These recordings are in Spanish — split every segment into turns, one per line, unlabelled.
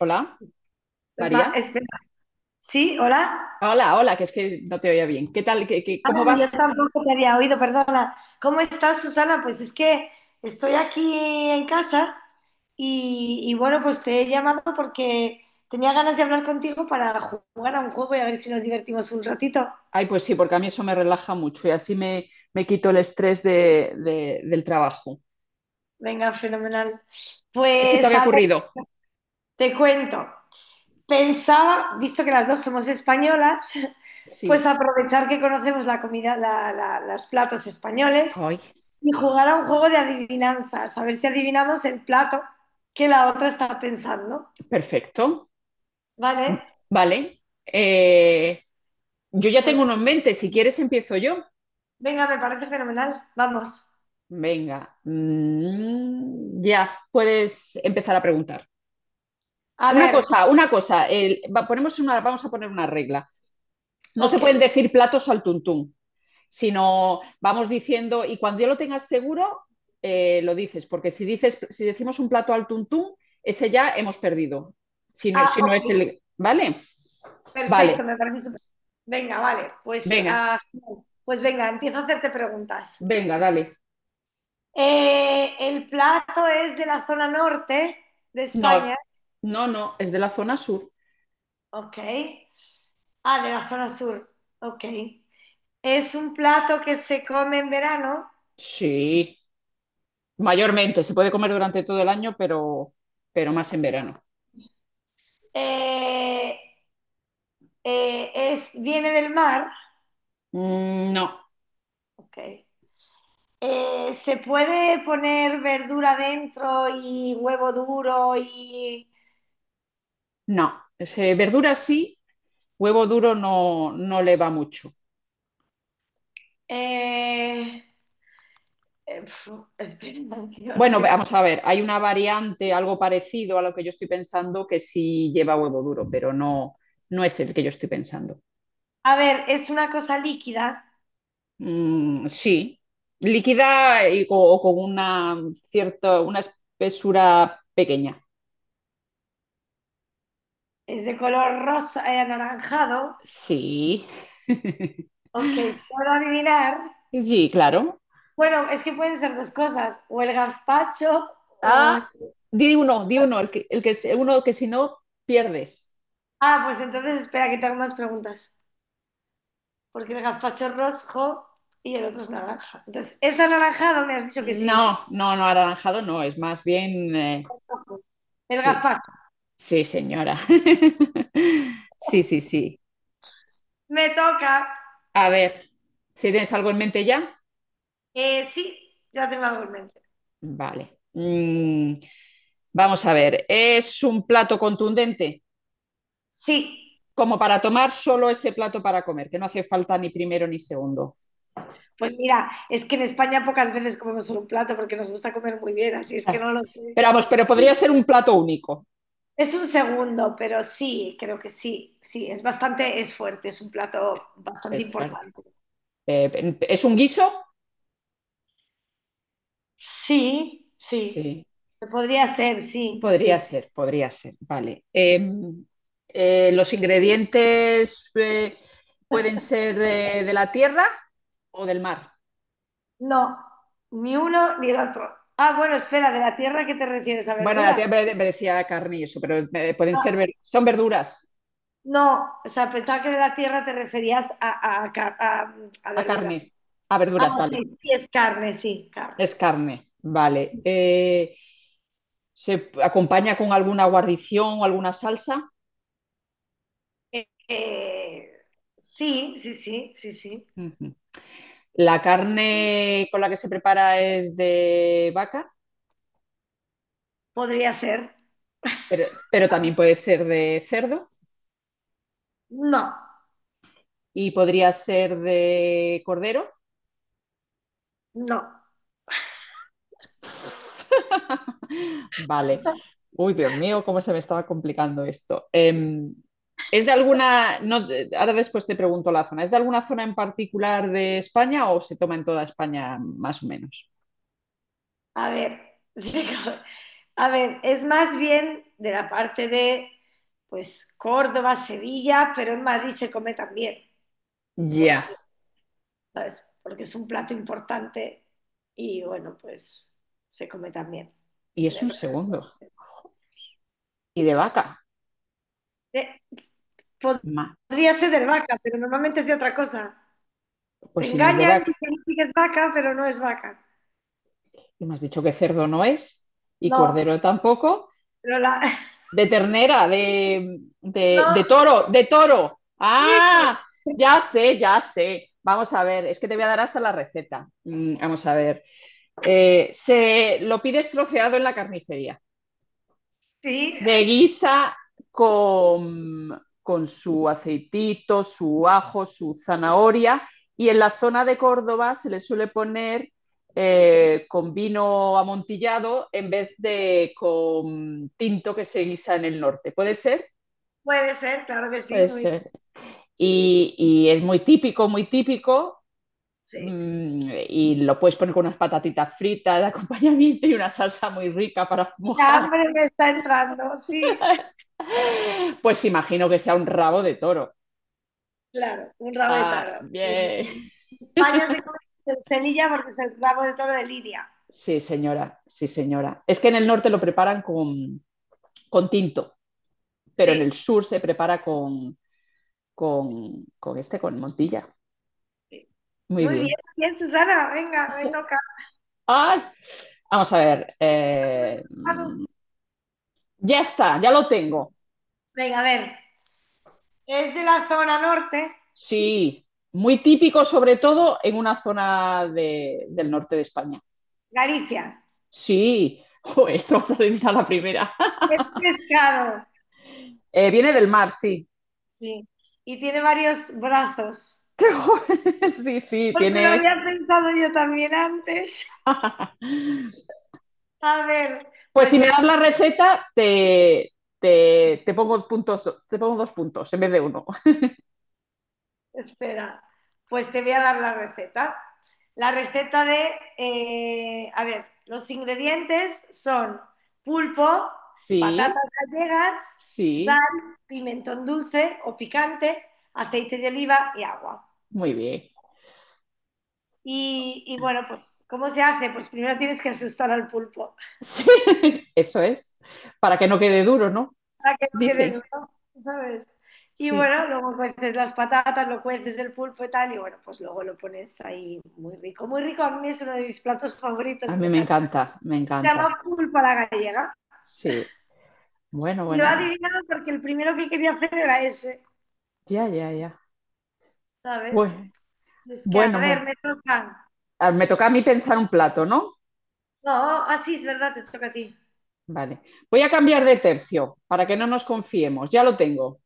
Hola, María.
Espera. Sí, hola.
Hola, hola, que es que no te oía bien. ¿Qué tal? ¿
Ah,
Cómo
no,
vas?
yo tampoco te había oído, perdona. ¿Cómo estás, Susana? Pues es que estoy aquí en casa y bueno, pues te he llamado porque tenía ganas de hablar contigo para jugar a un juego y a ver si nos divertimos un ratito.
Ay, pues sí, porque a mí eso me relaja mucho y así me quito el estrés del trabajo.
Venga, fenomenal.
¿Qué se te
Pues
había
a ver,
ocurrido?
te cuento. Pensaba, visto que las dos somos españolas, pues
Sí.
aprovechar que conocemos la comida, los platos españoles
Ay,
y jugar a un juego de adivinanzas, a ver si adivinamos el plato que la otra está pensando.
perfecto.
Vale,
Vale. Eh, yo ya tengo
pues
uno en mente. Si quieres, empiezo yo.
venga, me parece fenomenal. Vamos.
Venga. Ya, puedes empezar a preguntar.
A
Una
ver,
cosa, una cosa. Ponemos una, vamos a poner una regla. No se pueden
ok.
decir platos al tuntún. Sino vamos diciendo, y cuando ya lo tengas seguro, lo dices, porque si, dices, si decimos un plato al tuntún, ese ya hemos perdido, si no,
Ah,
si no es
ok.
el... ¿Vale? Vale,
Perfecto, me parece súper. Venga, vale. Pues,
venga,
pues venga, empiezo a hacerte preguntas.
venga, dale.
El plato es de la zona norte de
No,
España.
no, no, es de la zona sur.
Ok. Ah, de la zona sur. Ok. Es un plato que se come en verano.
Sí, mayormente, se puede comer durante todo el año, pero más en verano.
Eh, es, viene del mar,
Mm, no,
okay. Se puede poner verdura dentro y huevo duro y…
no, ese, verduras sí, huevo duro no, no le va mucho.
eh, eh, pf, espera, que ahora
Bueno, vamos a ver, hay una variante, algo parecido a lo que yo estoy pensando, que sí lleva huevo duro, pero no, no es el que yo estoy pensando.
a ver, es una cosa líquida,
Sí, líquida y o con una cierta, una espesura pequeña.
es de color rosa, anaranjado.
Sí.
Ok, puedo adivinar.
Sí, claro.
Bueno, es que pueden ser dos cosas, o el gazpacho o…
Ah, di uno, uno que si no pierdes.
Ah, pues entonces espera que te hago más preguntas, porque el gazpacho es rojo y el otro es naranja. Entonces, es anaranjado, me has dicho que sí, ¿no?
No, no, no, anaranjado no, es más bien,
Ojo. El
sí.
gazpacho.
Sí, señora. Sí, sí, sí.
Me toca.
A ver, ¿si tienes algo en mente ya?
Sí, ya tengo algo en mente.
Vale. Vamos a ver, es un plato contundente,
Sí.
como para tomar solo ese plato para comer, que no hace falta ni primero ni segundo.
Pues mira, es que en España pocas veces comemos solo un plato porque nos gusta comer muy bien, así es que
Ah,
no lo sé.
pero vamos, pero podría ser un plato único.
Es un segundo, pero sí, creo que sí. Sí, es bastante, es fuerte, es un plato
Es
bastante
fuerte.
importante.
¿Es un guiso?
Sí, sí.
Sí.
Podría ser, sí, sí.
Podría ser, vale. ¿Los ingredientes pueden ser de la tierra o del mar?
No, ni uno ni el otro. Ah, bueno, espera, ¿de la tierra a qué te refieres? ¿A
Bueno, de la
verduras?
tierra me decía carne y eso, pero pueden ser,
Ah,
son verduras,
no, o sea, pensaba que de la tierra te referías a, a
a
verduras.
carne, a
Ah,
verduras,
ok,
vale.
sí, es carne.
Es carne, vale. ¿Se acompaña con alguna guarnición o alguna salsa?
Eh, eh, sí, sí, sí, sí, sí.
Ujú. La carne con la que se prepara es de vaca,
Podría ser.
pero, pero también puede ser de cerdo.
No,
¿Y podría ser de cordero?
no.
Vale. Uy, Dios mío, cómo se me estaba complicando esto. ¿Es de alguna, no, de- ahora después te pregunto la zona, ¿es de alguna zona en particular de España o se toma en toda España más o menos?
A ver, sí, a ver, es más bien de la parte de, pues, Córdoba, Sevilla, pero en Madrid se come también, porque
Ya,
¿sabes? Porque es un plato importante y bueno, pues se come también
y
en
es
el
un segundo.
restaurante.
¿Y de vaca?
Eh,
Ma-
Podría ser de vaca, pero normalmente es de otra cosa. Te
Pues si no es de
engañan,
vaca,
dicen que es vaca, pero no es vaca.
y me has dicho que cerdo no es y
No,
cordero tampoco.
pero la…
De ternera,
No,
de toro, de toro. Ah,
sí,
ya sé, ya sé. Vamos a ver, es que te voy a dar hasta la receta. Vamos a ver. Se lo pides troceado en la carnicería.
sí,
Se guisa con su aceitito, su ajo, su zanahoria y en la zona de Córdoba se le suele poner con vino amontillado en vez de con tinto que se guisa en el norte. ¿Puede ser?
puede ser, claro que sí,
Puede
muy,
ser. Y es muy típico, muy típico.
sí.
Y lo puedes poner con unas patatitas fritas de acompañamiento y una salsa muy rica para
La
mojar.
hambre me está entrando, sí.
Pues imagino que sea un rabo de toro.
Claro, un rabo de
Ah,
toro. En,
bien.
en España se come con semilla porque es el rabo de toro de Lidia.
Sí, señora, sí, señora. Es que en el norte lo preparan con tinto, pero en
Sí,
el sur se prepara con con Montilla.
sí.
Muy
Muy bien,
bien.
bien, Susana. Venga, me toca.
Ay, vamos a ver. Ya está, ya lo tengo.
Venga, a ver. Es de la zona norte,
Sí, muy típico, sobre todo en una del norte de España.
Galicia.
Sí, joder, te vas a decir a la primera.
Es pescado,
Viene del mar, sí.
sí. Y tiene varios brazos.
Sí, sí,
Porque lo
tiene.
había pensado yo también antes. A ver,
Pues si
pues
me
es…
das la receta, te pongo puntos, te pongo dos puntos en vez de uno.
Espera, pues te voy a dar la receta. La receta de, a ver, los ingredientes son pulpo,
Sí,
patatas gallegas,
sí,
sal, pimentón dulce o picante, aceite de oliva y agua.
muy bien.
Y bueno, pues, ¿cómo se hace? Pues primero tienes que asustar al pulpo,
Sí, eso es. Para que no quede duro, ¿no?
para que no quede
Dice.
duro, ¿sabes? Y
Sí,
bueno, luego cueces las patatas, lo cueces el pulpo y tal, y bueno, pues luego lo pones ahí muy rico. Muy rico, a mí es uno de mis platos favoritos,
a
me
mí me
encanta.
encanta, me
Se
encanta.
llama pulpa la gallega.
Sí, bueno,
Y lo he
bueno, bueno.
adivinado porque el primero que quería hacer era ese,
Ya, ya, ya.
¿sabes?
Bueno,
Es que, a
bueno,
ver,
bueno.
me tocan.
Ah, me toca a mí pensar un plato, ¿no?
No, así es verdad, te toca a ti.
Vale. Voy a cambiar de tercio para que no nos confiemos. Ya lo tengo.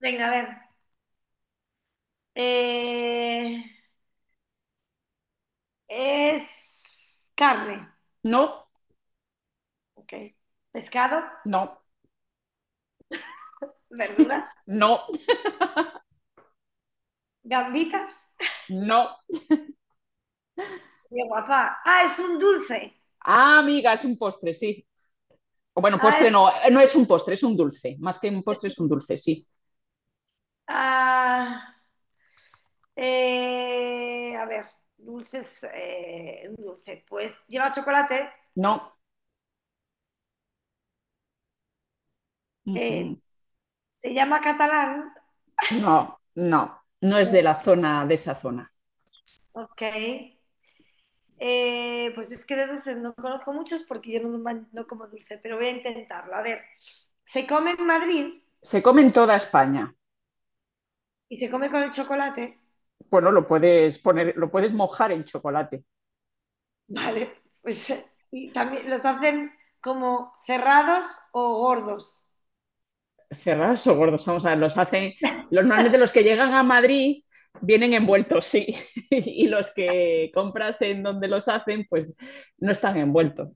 Venga, a ver. Eh, es carne,
No,
ok. Pescado,
no,
verduras,
no,
gambitas…
no.
Qué guapa. Ah, es un dulce.
Ah, amiga, es un postre, sí. O bueno,
Ah,
postre
es-
no, no es un postre, es un dulce. Más que un postre es un dulce, sí.
ah, a ver, dulces, un dulce. Pues lleva chocolate.
No.
eh,
Ujú.
se llama catalán.
No, no, no es de la zona, de esa zona.
Ok. Pues es que de dulces no conozco muchos porque yo no, no como dulce, pero voy a intentarlo. A ver, se come en Madrid
Se come en toda España.
y se come con el chocolate,
Bueno, lo puedes poner, lo puedes mojar en chocolate.
¿vale? Pues, y también los hacen como cerrados o gordos.
Cerrados o gordos, vamos a ver, los hacen. Normalmente los que llegan a Madrid vienen envueltos, sí. Y los que compras en donde los hacen, pues no están envueltos.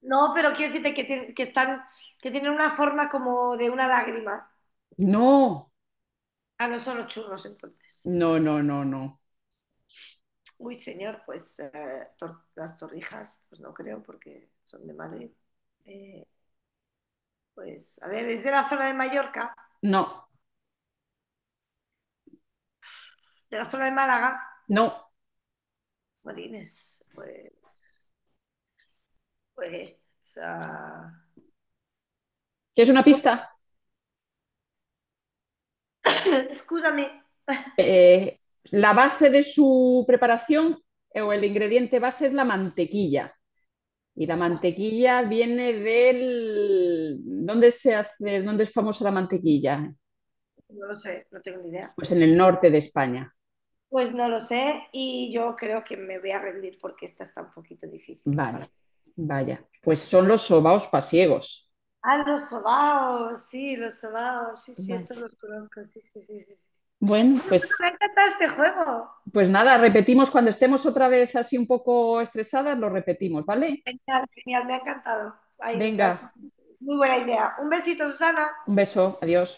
No, pero quiero decirte que, que están, que tienen una forma como de una lágrima.
No,
Ah, no son los churros entonces.
no, no, no, no.
Uy, señor, pues las torrijas, pues no creo porque son de Madrid. Eh, pues, a ver, es de la zona de Mallorca,
No,
de la zona de Málaga.
no.
Jolines, pues, ah,
¿Quieres una
pues,
pista?
excúsame.
Eh, la base de su preparación o el ingrediente base es la mantequilla. Y la
Buah,
mantequilla viene del... ¿Dónde se hace, dónde es famosa la mantequilla?
no lo sé, no tengo ni idea.
Pues en el norte de España.
Pues no lo sé y yo creo que me voy a rendir porque esta está un poquito difícil para…
Vale, vaya. Pues son los sobaos pasiegos.
Ah, los sobaos, sí, sí, estos
Vale.
los conozco, sí, sí, sí, sí, sí.
Bueno,
No, no,
pues,
me ha encantado este juego.
pues nada, repetimos cuando estemos otra vez así un poco estresadas, lo repetimos, ¿vale?
Genial, genial, me ha encantado. Ay, ya…
Venga,
muy buena idea. Un besito, Susana.
un beso, adiós.